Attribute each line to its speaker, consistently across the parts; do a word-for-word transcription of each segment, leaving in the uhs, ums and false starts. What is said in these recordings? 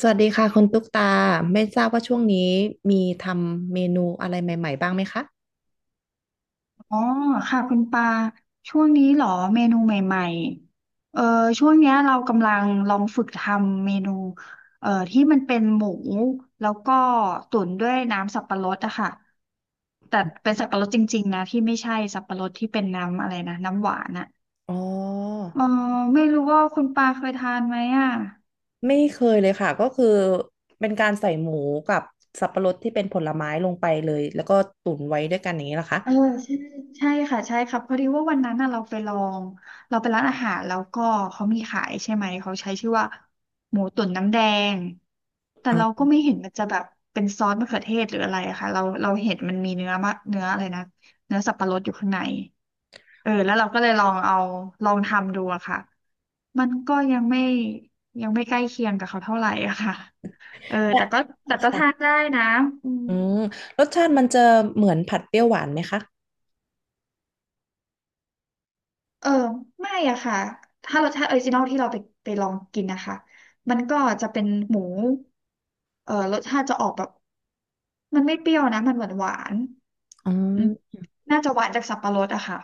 Speaker 1: สวัสดีค่ะคุณตุ๊กตาไม่ทราบว่าช่วงนี้มีทำเมนูอะไรใหม่ๆบ้างไหมคะ
Speaker 2: อ๋อค่ะคุณปาช่วงนี้เหรอเมนูใหม่ๆเออช่วงเนี้ยเรากำลังลองฝึกทำเมนูเอ่อที่มันเป็นหมูแล้วก็ตุ๋นด้วยน้ำสับปะรดอะค่ะแต่เป็นสับปะรดจริงๆนะที่ไม่ใช่สับปะรดที่เป็นน้ำอะไรนะน้ำหวานอะ
Speaker 1: อ๋อ
Speaker 2: เออไม่รู้ว่าคุณปาเคยทานไหมอะ
Speaker 1: ไม่เคยเลยค่ะก็คือเป็นการใส่หมูกับสับปะรดที่เป็นผลไม้ลงไปเลยแล้วก็ตุ๋นไว้ด้วยกันอย่างนี้เหรอคะ
Speaker 2: เออใช่ใช่ค่ะใช่ครับพอดีว่าวันนั้นน่ะเราไปลองเราไปร้านอาหารแล้วก็เขามีขายใช่ไหมเขาใช้ชื่อว่าหมูตุ๋นน้ำแดงแต่เราก็ไม่เห็นมันจะแบบเป็นซอสมะเขือเทศหรืออะไรอะค่ะเราเราเห็นมันมีเนื้อมะเนื้ออะไรนะเนื้อสับปะรดอยู่ข้างในเออแล้วเราก็เลยลองเอาลองทำดูอะค่ะมันก็ยังไม่ยังไม่ใกล้เคียงกับเขาเท่าไหร่อะค่ะเออ
Speaker 1: แต่
Speaker 2: แต่ก็แต่ก็ทาน
Speaker 1: ค่ะ
Speaker 2: ได้นะอืม
Speaker 1: อืมรสชาติมันจะเหมือนผัดเปรี้ยวหวานไหมคะ
Speaker 2: เออไม่อะค่ะถ้าเราถ้าออริจินอลที่เราไปไปลองกินนะคะมันก็จะเป็นหมูเออรสชาติจะออกแบบมันไม่เปรี้ยวนะมันหวานหวาน
Speaker 1: อ๋อ
Speaker 2: อืมน่าจะหวานจากสับปะรดอะค่ะ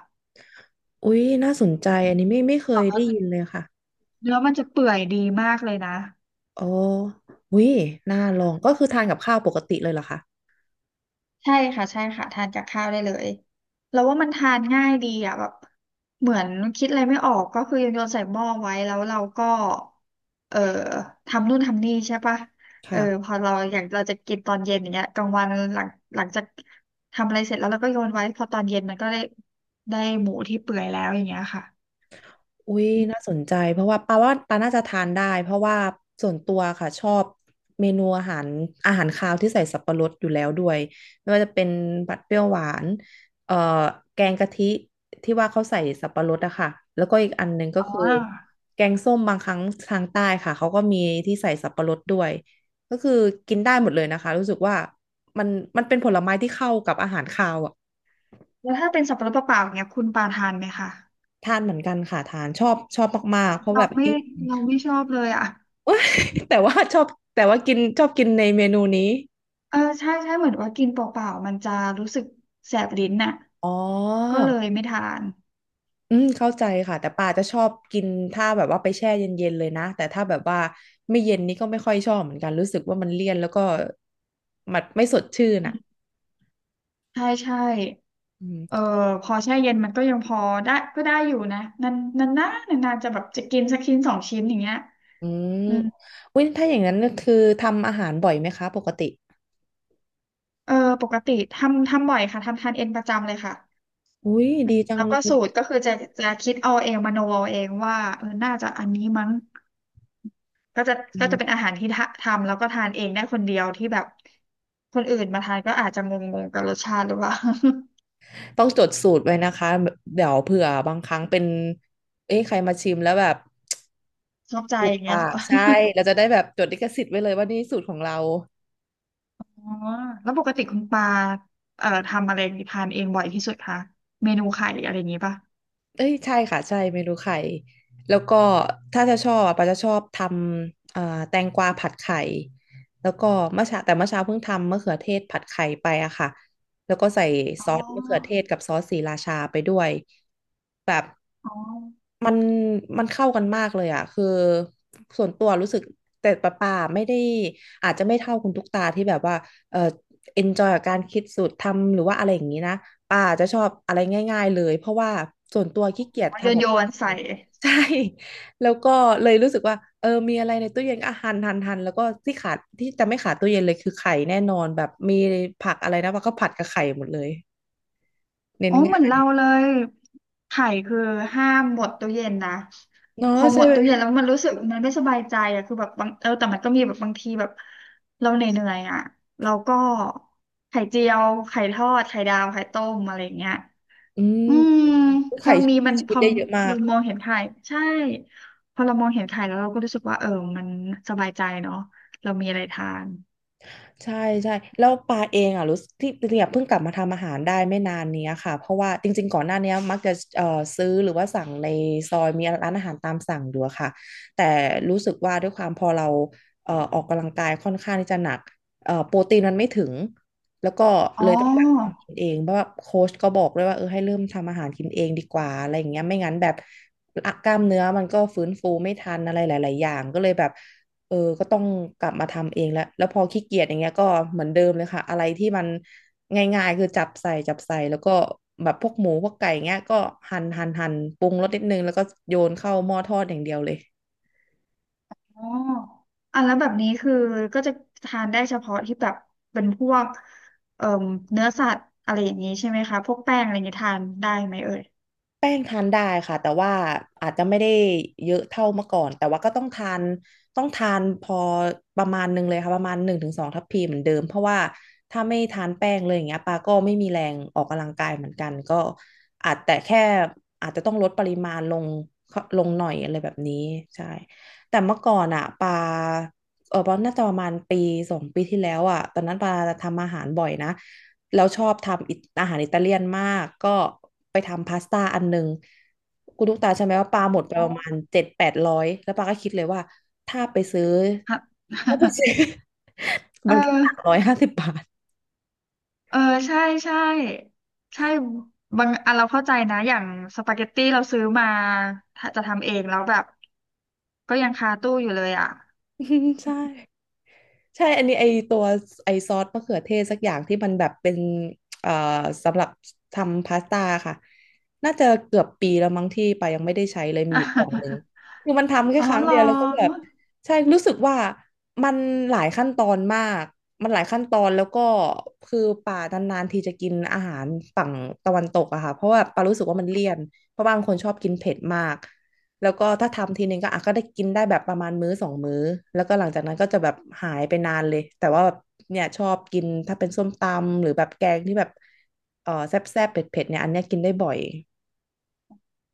Speaker 1: อุ๊ยน่าสนใจอันนี้ไม่ไม่เค
Speaker 2: แต่
Speaker 1: ย
Speaker 2: ว่า
Speaker 1: ได้ยินเลยค่ะ
Speaker 2: เนื้อมันจะเปื่อยดีมากเลยนะ
Speaker 1: อ๋ออุ๊ยน่าลองก็คือทานกับข้าวปกติเลยเหรอคะ
Speaker 2: ใช่ค่ะใช่ค่ะทานกับข้าวได้เลยแล้วว่ามันทานง่ายดีอ่ะแบบเหมือนคิดอะไรไม่ออกก็คือโยนใส่หม้อไว้แล้วเราก็เอ่อทำนู่นทำนี่ใช่ปะเออ
Speaker 1: ค่ะ
Speaker 2: พอเราอยากเราจะกินตอนเย็นอย่างเงี้ยกลางวันหลังหลังจากทำอะไรเสร็จแล้วเราก็โยนไว้พอตอนเย็นมันก็ได้ได้หมูที่เปื่อยแล้วอย่างเงี้ยค่ะ
Speaker 1: อุ้ยน่าสนใจเพราะว่าปาว่าปาน่าจะทานได้เพราะว่าส่วนตัวค่ะชอบเมนูอาหารอาหารคาวที่ใส่สับปะรดอยู่แล้วด้วยไม่ว่าจะเป็นผัดเปรี้ยวหวานเอ่อแกงกะทิที่ว่าเขาใส่สับปะรดอะค่ะแล้วก็อีกอันหนึ่งก็
Speaker 2: อ๋
Speaker 1: คือ
Speaker 2: อ
Speaker 1: แกงส้มบางครั้งทางใต้ค่ะเขาก็มีที่ใส่สับปะรดด้วยก็คือกินได้หมดเลยนะคะรู้สึกว่ามันมันเป็นผลไม้ที่เข้ากับอาหารคาวอะ
Speaker 2: แล้วถ้าเป็นสับปะรดเปล่าๆอย่างเงี้ยคุณปาทานไหมคะ
Speaker 1: ทานเหมือนกันค่ะทานชอบชอบมากๆเพราะแบ
Speaker 2: เรา
Speaker 1: บ
Speaker 2: ไม่
Speaker 1: ยิ่ง
Speaker 2: เราไม่ชอบเลยอ่ะ
Speaker 1: เอ้ยแต่ว่าชอบแต่ว่ากินชอบกินในเมนูนี้
Speaker 2: เออใช่ใช่เหมือนว่ากินเปล่าๆมันจะรู้สึกแสบลิ้นน่ะ
Speaker 1: อ๋อ
Speaker 2: ก็เลยไม่ทาน
Speaker 1: อืมเข้าใจค่ะแต่ปาจะชอบกินถ้าแบบว่าไปแช่เย็นๆเลยนะแต่ถ้าแบบว่าไม่เย็นนี่ก็ไม่ค่อยชอบเหมือนกันรู้สึกว่ามันเลี่ยนแล้วก็มันไม่สดชื่น
Speaker 2: อื
Speaker 1: อ่ะ
Speaker 2: มใช่ใช่
Speaker 1: อืม
Speaker 2: เออพอแช่เย็นมันก็ยังพอได้ก็ได้อยู่นะนานนานนานนานๆจะแบบจะกินสักชิ้นสองชิ้นอย่างเงี้ย
Speaker 1: อืม
Speaker 2: อืม
Speaker 1: อุ้ยถ้าอย่างนั้นก็คือทำอาหารบ่อยไหมคะปกติ
Speaker 2: เออปกติทำทำบ่อยค่ะทำทานเองประจำเลยค่ะ
Speaker 1: อุ้ยดีจัง
Speaker 2: แล้ว
Speaker 1: เล
Speaker 2: ก็
Speaker 1: ย
Speaker 2: สูตรก็คือจะจะคิดเอาเองมโนเอาเองว่าเออน่าจะอันนี้มั้ง ก็จะ
Speaker 1: อื
Speaker 2: ก็จะเป็น
Speaker 1: ม
Speaker 2: อาหารที่ทะทำแล้วก็ทานเองได้คนเดียวที่แบบคนอื่นมาทานก็อาจจะงงๆกับรสชาติหรือเปล่า
Speaker 1: ต้องจดสูตรไว้นะคะเดี๋ยวเผื่อบางครั้งเป็นเอ้ยใครมาชิมแล้วแบบ
Speaker 2: ชอบใจ
Speaker 1: ถู
Speaker 2: อ
Speaker 1: ก
Speaker 2: ย่างเงี้ย
Speaker 1: ปา
Speaker 2: เหรอ
Speaker 1: กใช่เราจะได้แบบจดลิขสิทธิ์ไว้เลยว่านี่สูตรของเรา
Speaker 2: อ๋อแล้วปกติคุณปาเอ่อทำอะไรทานเองบ่อยที่สุดคะเมนูไข่อะไรอย่างงี้ป่ะ
Speaker 1: เอ้ยใช่ค่ะใช่เมนูไข่แล้วก็ถ้าจะชอบอะปาจะชอบทำเอ่อแตงกวาผัดไข่แล้วก็เมื่อเช้าแต่เมื่อเช้าเพิ่งทำมะเขือเทศผัดไข่ไปอะค่ะแล้วก็ใส่
Speaker 2: อ๋
Speaker 1: ซ
Speaker 2: อ
Speaker 1: อสมะเขือเทศกับซอสศรีราชาไปด้วยแบบ
Speaker 2: อ๋อ
Speaker 1: มันมันเข้ากันมากเลยอ่ะคือส่วนตัวรู้สึกแต่ปะป่าไม่ได้อาจจะไม่เท่าคุณตุ๊กตาที่แบบว่าเออเอนจอยกับการคิดสูตรทำหรือว่าอะไรอย่างนี้นะป่าจะชอบอะไรง่ายๆเลยเพราะว่าส่วนตัวขี้เกียจ
Speaker 2: อ๋อโย
Speaker 1: ทำ
Speaker 2: น
Speaker 1: กับ
Speaker 2: โย
Speaker 1: ข้าว
Speaker 2: นใส่
Speaker 1: ใช่แล้วก็เลยรู้สึกว่าเออมีอะไรในตู้เย็นก็หั่นหั่นหั่นแล้วก็ที่ขาดที่จะไม่ขาดตู้เย็นเลยคือไข่แน่นอนแบบมีผักอะไรนะว่าก็ผัดกับไข่หมดเลยเน้
Speaker 2: อ๋
Speaker 1: น
Speaker 2: อเหมื
Speaker 1: ง่า
Speaker 2: อนเรา
Speaker 1: ย
Speaker 2: เลยไข่คือห้ามหมดตู้เย็นนะ
Speaker 1: เนาะ
Speaker 2: พอหม
Speaker 1: ใช่
Speaker 2: ด
Speaker 1: ไหม
Speaker 2: ตู้เย็นแล้วมันรู้สึกมันไม่สบายใจอะคือแบบบางเออแต่มันก็มีแบบบางทีแบบเราเหนื่อยๆอะเราก็ไข่เจียวไข่ทอดไข่ดาวไข่ต้มอะไรอย่างเงี้ย
Speaker 1: อืม
Speaker 2: อืมพอ
Speaker 1: ไข่ช่
Speaker 2: มี
Speaker 1: ว
Speaker 2: มั
Speaker 1: ย
Speaker 2: น
Speaker 1: ชี
Speaker 2: พ
Speaker 1: วิต
Speaker 2: อ
Speaker 1: ได้เยอะมา
Speaker 2: เรา
Speaker 1: ก
Speaker 2: มองเห็นไข่ใช่พอเรามองเห็นไข่แล้วเราก็รู้สึกว่าเออมันสบายใจเนาะเรามีอะไรทาน
Speaker 1: ใช่ใช่แล้วปาเองอ่ะรู้สึกที่จริงๆอ่ะเพิ่งกลับมาทำอาหารได้ไม่นานเนี้ยค่ะเพราะว่าจริงๆก่อนหน้าเนี้ยมักจะเอ่อซื้อหรือว่าสั่งในซอยมีร้านอาหารตามสั่งอยู่อะค่ะแต่รู้สึกว่าด้วยความพอเราเอ่อออกกำลังกายค่อนข้างที่จะหนักเอ่อโปรตีนมันไม่ถึงแล้วก็
Speaker 2: อ๋
Speaker 1: เลยต้องแบบ
Speaker 2: อ
Speaker 1: ทำกินเองเพราะว่าโค้ชก็บอกด้วยว่าเออให้เริ่มทำอาหารกินเองดีกว่าอะไรอย่างเงี้ยไม่งั้นแบบกล้ามเนื้อมันก็ฟื้นฟูไม่ทันอะไรหลายๆอย่างก็เลยแบบ เออก็ต้องกลับมาทำเองแล้ว แล้วพอขี้เกียจอย่างเงี้ยก็เหมือนเดิมเลยค่ะ อะไรที่มันง่ายๆคือจับใส่จับใส่แล้วก็แบบพวกหมูพวกไก่เงี้ยก็หั่นหั่นหั่นปรุงรสนิดนึงแล้วก็โยนเข้าหม้อทอดอย่างเดียวเลย
Speaker 2: อ๋ออ่ะแล้วแบบนี้คือก็จะทานได้เฉพาะที่แบบเป็นพวกเอ่อเนื้อสัตว์อะไรอย่างนี้ใช่ไหมคะพวกแป้งอะไรอย่างนี้ทานได้ไหมเอ่ย
Speaker 1: แป้งทานได้ค่ะแต่ว่าอาจจะไม่ได้เยอะเท่าเมื่อก่อนแต่ว่าก็ต้องทานต้องทานพอประมาณหนึ่งเลยค่ะประมาณหนึ่งถึงสองทัพพีเหมือนเดิมเพราะว่าถ้าไม่ทานแป้งเลยอย่างเงี้ยปาก็ไม่มีแรงออกกำลังกายเหมือนกันก็อาจแต่แค่อาจจะต้องลดปริมาณลงลงหน่อยอะไรแบบนี้ใช่แต่เมื่อก่อนอ่ะปาเออปาน่าจะประมาณปีสองปีที่แล้วอ่ะตอนนั้นปาทำอาหารบ่อยนะ แล้วชอบทำอาหารอิตาเลียนมากก็ไปทำพาสต้าอันหนึ่งคุณลูกตาใช่ไหมว่าปลาหม
Speaker 2: อ
Speaker 1: ดไป
Speaker 2: ๋
Speaker 1: ประมาณ
Speaker 2: อ
Speaker 1: เจ็ดแปดร้อยแล้วปลาก็คิดเลยว่าถ้าไปซื้อ
Speaker 2: ฮะ
Speaker 1: ถ้าไปซื้อ มั
Speaker 2: เอ
Speaker 1: นแค่
Speaker 2: อ
Speaker 1: สามร้อยห้าสิบบาท
Speaker 2: เออใช่ใช่ใช่บางอันเราเข้าใจนะอย่างสปาเกตตี้เราซื้อมาถ้าจะทำเองแล้วแบบก็ยังคาตู้อยู่เลยอ่ะ
Speaker 1: ใช่ ใช่ อันนี้ไอตัวไอซอสมะเขือเทศสักอย่างที่มันแบบเป็นเอ่อสำหรับทำพาสต้าค่ะน่าจะเกือบปีแล้วมั้งที่ปายังไม่ได้ใช้เลยมีอยู่กล่องหนึ่ง คือมันทำแค่
Speaker 2: อ๋อ
Speaker 1: ครั้ง
Speaker 2: เหรอ
Speaker 1: เดียวแล้วก็แบบใช่รู้สึกว่ามันหลายขั้นตอนมากมันหลายขั้นตอนแล้วก็คือป่านานๆทีจะกินอาหารฝั่งตะวันตกอะค่ะเพราะว่าปารู้สึกว่ามันเลี่ยนเพราะบางคนชอบกินเผ็ดมาก แล้วก็ถ้าทำทีนึงก็อ่ะก็ได้กินได้แบบประมาณมื้อสองมื้อแล้วก็หลังจากนั้นก็จะแบบหายไปนานเลยแต่ว่าแบบเนี่ยชอบกินถ้าเป็นส้มตำหรือแบบแกงที่แบบเออแซ่บๆเผ็ดๆเนี่ยอันเนี้ยกินได้บ่อย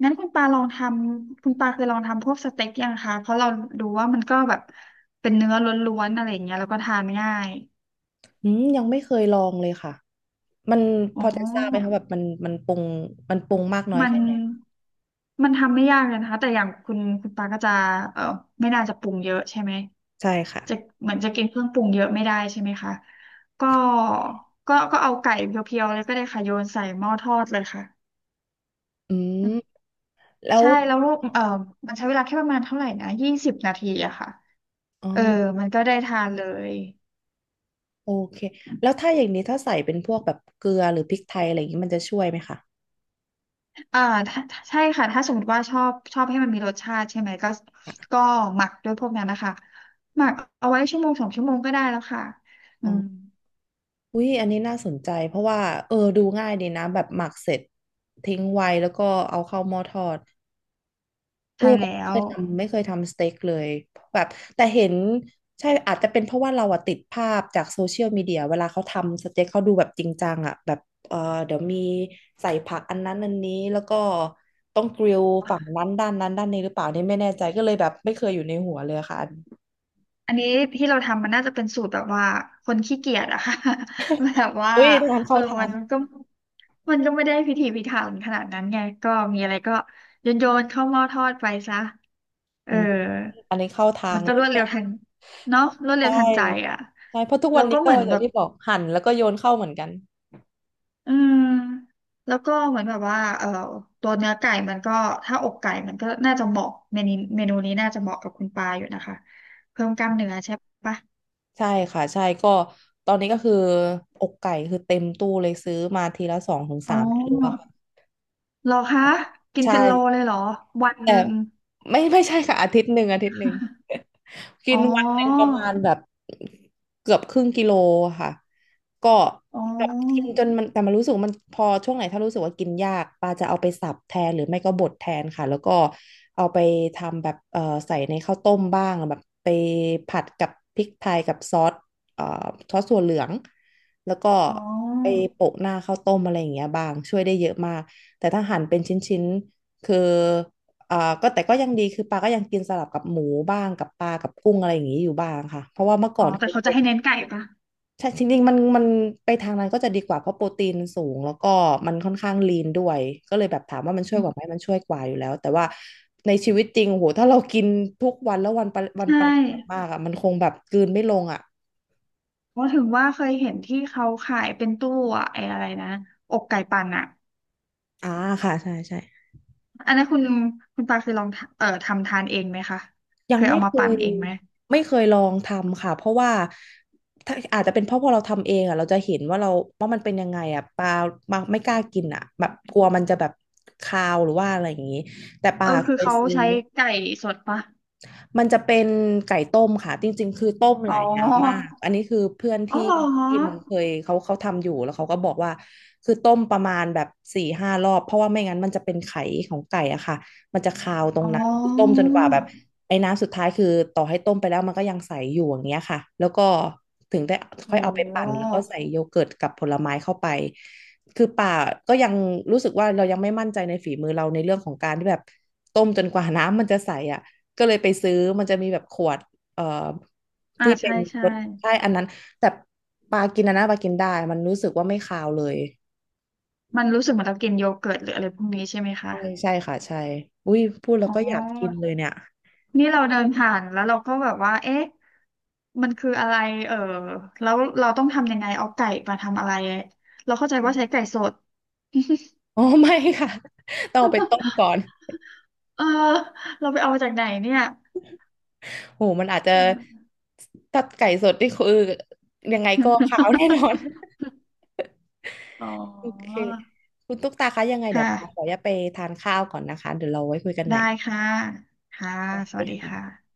Speaker 2: งั้นคุณปาลองทำคุณปาเคยลองทำพวกสเต็กยังคะเพราะเราดูว่ามันก็แบบเป็นเนื้อล้วนๆอะไรอย่างเงี้ยแล้วก็ทานง่าย
Speaker 1: อืมยังไม่เคยลองเลยค่ะมันพ
Speaker 2: อ๋
Speaker 1: อจะทราบไหมคะ
Speaker 2: อ
Speaker 1: แบบมันมันปรุงมันปรุงมากน้อย
Speaker 2: มัน
Speaker 1: แค่ไหน
Speaker 2: มันทำไม่ยากเลยนะคะแต่อย่างคุณคุณปาก็จะเออไม่น่าจะปรุงเยอะใช่ไหม
Speaker 1: ใช่ค่ะ
Speaker 2: จะเหมือนจะกินเครื่องปรุงเยอะไม่ได้ใช่ไหมคะก็ก็ก็เอาไก่เพียวๆเลยก็ได้ค่ะโยนใส่หม้อทอดเลยค่ะ
Speaker 1: อืมแล้ว
Speaker 2: ใช่แล้วลูกเออมันใช้เวลาแค่ประมาณเท่าไหร่นะยี่สิบนาทีอะค่ะ
Speaker 1: อ๋อ
Speaker 2: เออมันก็ได้ทานเลย
Speaker 1: โอเคแล้วถ้าอย่างนี้ถ้าใส่เป็นพวกแบบเกลือหรือพริกไทยอะไรอย่างนี้มันจะช่วยไหมคะ
Speaker 2: อ่าถ้าใช่ค่ะถ้าสมมติว่าชอบชอบให้มันมีรสชาติใช่ไหมก็
Speaker 1: อ่ะ
Speaker 2: ก็หมักด้วยพวกนั้นนะคะหมักเอาไว้ชั่วโมงสองชั่วโมงก็ได้แล้วค่ะอื
Speaker 1: อ๋อ
Speaker 2: ม
Speaker 1: อุ้ยอันนี้น่าสนใจเพราะว่าเออดูง่ายดีนะแบบหมักเสร็จทิ้งไว้แล้วก็เอาเข้าหม้อทอดเออ
Speaker 2: ใช่แล้
Speaker 1: ไม่เค
Speaker 2: ว
Speaker 1: ยทำไม่เคยทำสเต็กเลยแบบแต่เห็นใช่อาจจะเป็นเพราะว่าเราอะติดภาพจากโซเชียลมีเดียเวลาเขาทำสเต็กเขาดูแบบจริงจังอะแบบเออเดี๋ยวมีใส่ผักอันนั้นอันนี้แล้วก็ต้องกริลฝั่งนั้นด้านนั้นด้านนี้หรือเปล่านี่ไม่แน่ใจก็เลยแบบไม่เคยอยู่ในหัวเลยค่ะ
Speaker 2: อันนี้ที่เราทำมันน่าจะเป็นสูตรแบบว่าคนขี้เกียจอะค่ะ แบบว่า
Speaker 1: อุ้ยทาง
Speaker 2: เอ
Speaker 1: เข้า
Speaker 2: อ
Speaker 1: ทา
Speaker 2: มั
Speaker 1: ง
Speaker 2: นก็มันก็ไม่ได้พิถีพิถันขนาดนั้นไงก็มีอะไรก็โยนโยนเข้าหม้อทอดไปซะ
Speaker 1: ผ
Speaker 2: เออ
Speaker 1: มอันนี้เข้าทา
Speaker 2: มั
Speaker 1: ง
Speaker 2: นก็
Speaker 1: เล
Speaker 2: ร
Speaker 1: ย
Speaker 2: วดเร็วทันเนาะรวดเร็
Speaker 1: ใช่
Speaker 2: วทันใจอะ
Speaker 1: ใช่เพราะทุก
Speaker 2: แล้
Speaker 1: วั
Speaker 2: ว
Speaker 1: นนี้
Speaker 2: ก็
Speaker 1: ก็
Speaker 2: เหมือน
Speaker 1: อย่า
Speaker 2: แบ
Speaker 1: ง
Speaker 2: บ
Speaker 1: ที่บอกหั่นแล้วก็โยนเข้าเหมือนกัน
Speaker 2: อืมแล้วก็เหมือนแบบว่าเอ่อตัวเนื้อไก่มันก็ถ้าอกไก่มันก็น่าจะเหมาะเมนูเมนูนี้น่าจะเหมาะกับคุณปาอยู่นะคะเพิ่มกล้ามเนื้อใช่ปะ
Speaker 1: ใช่ค่ะใช่ก็ตอนนี้ก็คืออกไก่คือเต็มตู้เลยซื้อมาทีละสองถึง
Speaker 2: อ๋
Speaker 1: สา
Speaker 2: อ
Speaker 1: มกิโลอะค่ะ
Speaker 2: เหรอคะกิ
Speaker 1: ใ
Speaker 2: นเป็นโล
Speaker 1: ช่
Speaker 2: เลยเหรอวันห
Speaker 1: แต่
Speaker 2: นึ่ง
Speaker 1: ไม่ไม่ใช่ค่ะอาทิตย์หนึ่งอาทิตย์หนึ่ง กิ
Speaker 2: อ๋
Speaker 1: น
Speaker 2: อ
Speaker 1: วันหนึ่งประมาณแบบเกือบครึ่งกิโลอะค่ะก็
Speaker 2: อ๋อ
Speaker 1: แบบกินจนมันแต่มันรู้สึกว่ามันพอช่วงไหนถ้ารู้สึกว่ากินยากปาจะเอาไปสับแทนหรือไม่ก็บดแทนค่ะแล้วก็เอาไปทำแบบเอ่อใส่ในข้าวต้มบ้างแบบไปผัดกับพริกไทยกับซอสเอ่อซอสถั่วเหลืองแล้วก็
Speaker 2: อ๋อ
Speaker 1: ไปโปะหน้าข้าวต้มอะไรอย่างเงี้ยบ้างช่วยได้เยอะมากแต่ถ้าหั่นเป็นชิ้นๆคือ เอ่อก็แต่ก็ยังดีคือปลาก็ยังกินสลับกับหมูบ้างกับปลากับกุ้งอะไรอย่างนี้อยู่บ้างค่ะเพราะว่าเมื่อก่อ
Speaker 2: อ๋อ
Speaker 1: นเค
Speaker 2: แต่
Speaker 1: ย
Speaker 2: เขาจะ
Speaker 1: เป็น
Speaker 2: ให้เน้นไก่ปะ
Speaker 1: ใช่จริงๆมันมันไปทางนั้นก็จะดีกว่าเพราะโปรตีนสูงแล้วก็มันค่อนข้างลีนด้วยก็เลยแบบถามว่ามันช่ว
Speaker 2: อื
Speaker 1: ยกว่าไหม
Speaker 2: ม
Speaker 1: มันช่วยกว่าอยู่แล้วแต่ว่าในชีวิตจริงโอ้โหถ้าเรากินทุกวันแล้ววันปะวัน
Speaker 2: ใช่
Speaker 1: ปริมาณมากอ่ะมันคงแบบกลืนไม่ลงอ่ะ
Speaker 2: เพราะถึงว่าเคยเห็นที่เขาขายเป็นตู้อะไอ้อะไรนะอกไก่ปั่นอะ
Speaker 1: อ่าค่ะใช่ใช่
Speaker 2: อันนั้นคุณคุณปาคือลองทำเอ่อทำทานเองไหมคะ
Speaker 1: ยั
Speaker 2: เค
Speaker 1: ง
Speaker 2: ย
Speaker 1: ไม่
Speaker 2: เอามา
Speaker 1: เค
Speaker 2: ปั่น
Speaker 1: ย
Speaker 2: เองไหม
Speaker 1: ไม่เคยลองทำค่ะเพราะว่าถ้าอาจจะเป็นเพราะพอเราทำเองอ่ะเราจะเห็นว่าเราว่ามันเป็นยังไงอ่ะปลามาไม่กล้ากินอ่ะแบบกลัวมันจะแบบคาวหรือว่าอะไรอย่างนี้แต่ป
Speaker 2: เอ
Speaker 1: ลา
Speaker 2: อ
Speaker 1: เค
Speaker 2: คือ
Speaker 1: ย
Speaker 2: เขา
Speaker 1: ซื้อ
Speaker 2: ใช้ไก่สดปะ
Speaker 1: มันจะเป็นไก่ต้มค่ะจริงๆคือต้มห
Speaker 2: อ๋
Speaker 1: ลายน้ำมา
Speaker 2: อ
Speaker 1: กอันนี้คือเพื่อน
Speaker 2: อ๋อ
Speaker 1: ที่
Speaker 2: เหรอ
Speaker 1: ที่มึงเคยเขาเขาทำอยู่แล้วเขาก็บอกว่าคือต้มประมาณแบบสี่ห้ารอบเพราะว่าไม่งั้นมันจะเป็นไข่ของไก่อะค่ะมันจะคาวตรง
Speaker 2: อ๋
Speaker 1: นั้นคือต้ม
Speaker 2: อ
Speaker 1: จนกว่าแบบไอ้น้ำสุดท้ายคือต่อให้ต้มไปแล้วมันก็ยังใสอยู่อย่างเงี้ยค่ะแล้วก็ถึงได้
Speaker 2: โอ
Speaker 1: ค่อยเอาไปปั่น
Speaker 2: ้
Speaker 1: แล้วก็ใส่โยเกิร์ตกับผลไม้เข้าไปคือป่าก็ยังรู้สึกว่าเรายังไม่มั่นใจในฝีมือเราในเรื่องของการที่แบบต้มจนกว่าน้ำมันจะใสอ่ะ ก็เลยไปซื้อมันจะมีแบบขวดเอ่อ
Speaker 2: อ่า
Speaker 1: ที่เป็
Speaker 2: ใช่
Speaker 1: น
Speaker 2: ใช่
Speaker 1: รสใช่อันนั้นแต่ปลากินอันนนปลากินได้มันรู้สึกว่าไม่คาวเลย
Speaker 2: มันรู้สึกเหมือนเรากินโยเกิร์ตหรืออะไรพวกนี้ใช่ไหมคะ
Speaker 1: ใช่ใช่ค่ะใช่อุ้ยพูดแล้ว
Speaker 2: อ๋
Speaker 1: ก็อยากกิน
Speaker 2: อ
Speaker 1: เลยเนี่ย
Speaker 2: นี่เราเดินผ่านแล้วเราก็แบบว่าเอ๊ะมันคืออะไรเออแล้วเราต้องทำยังไงเอาไก่มาทำอะไรเราเข้าใจว่าใช้ไก่สด
Speaker 1: อ๋อไม่ค่ะ ต้องเอาไปต้มก่อน
Speaker 2: เออเราไปเอามาจากไหนเนี่ย
Speaker 1: โหมันอาจจะ
Speaker 2: เออ
Speaker 1: ถ้าไก่สดนี่คือยังไงก็ขาวแน่นอน
Speaker 2: อ๋อ
Speaker 1: โอเคคุณตุ๊กตาคะยังไง
Speaker 2: ค
Speaker 1: เดี๋ยวขออ
Speaker 2: ่ะ
Speaker 1: นุญาตไปทานข้าวก่อนนะคะเดี๋ยวเราไว้คุยกันใหม่
Speaker 2: ได้ค่ะค่ะสวัสดีค่ะ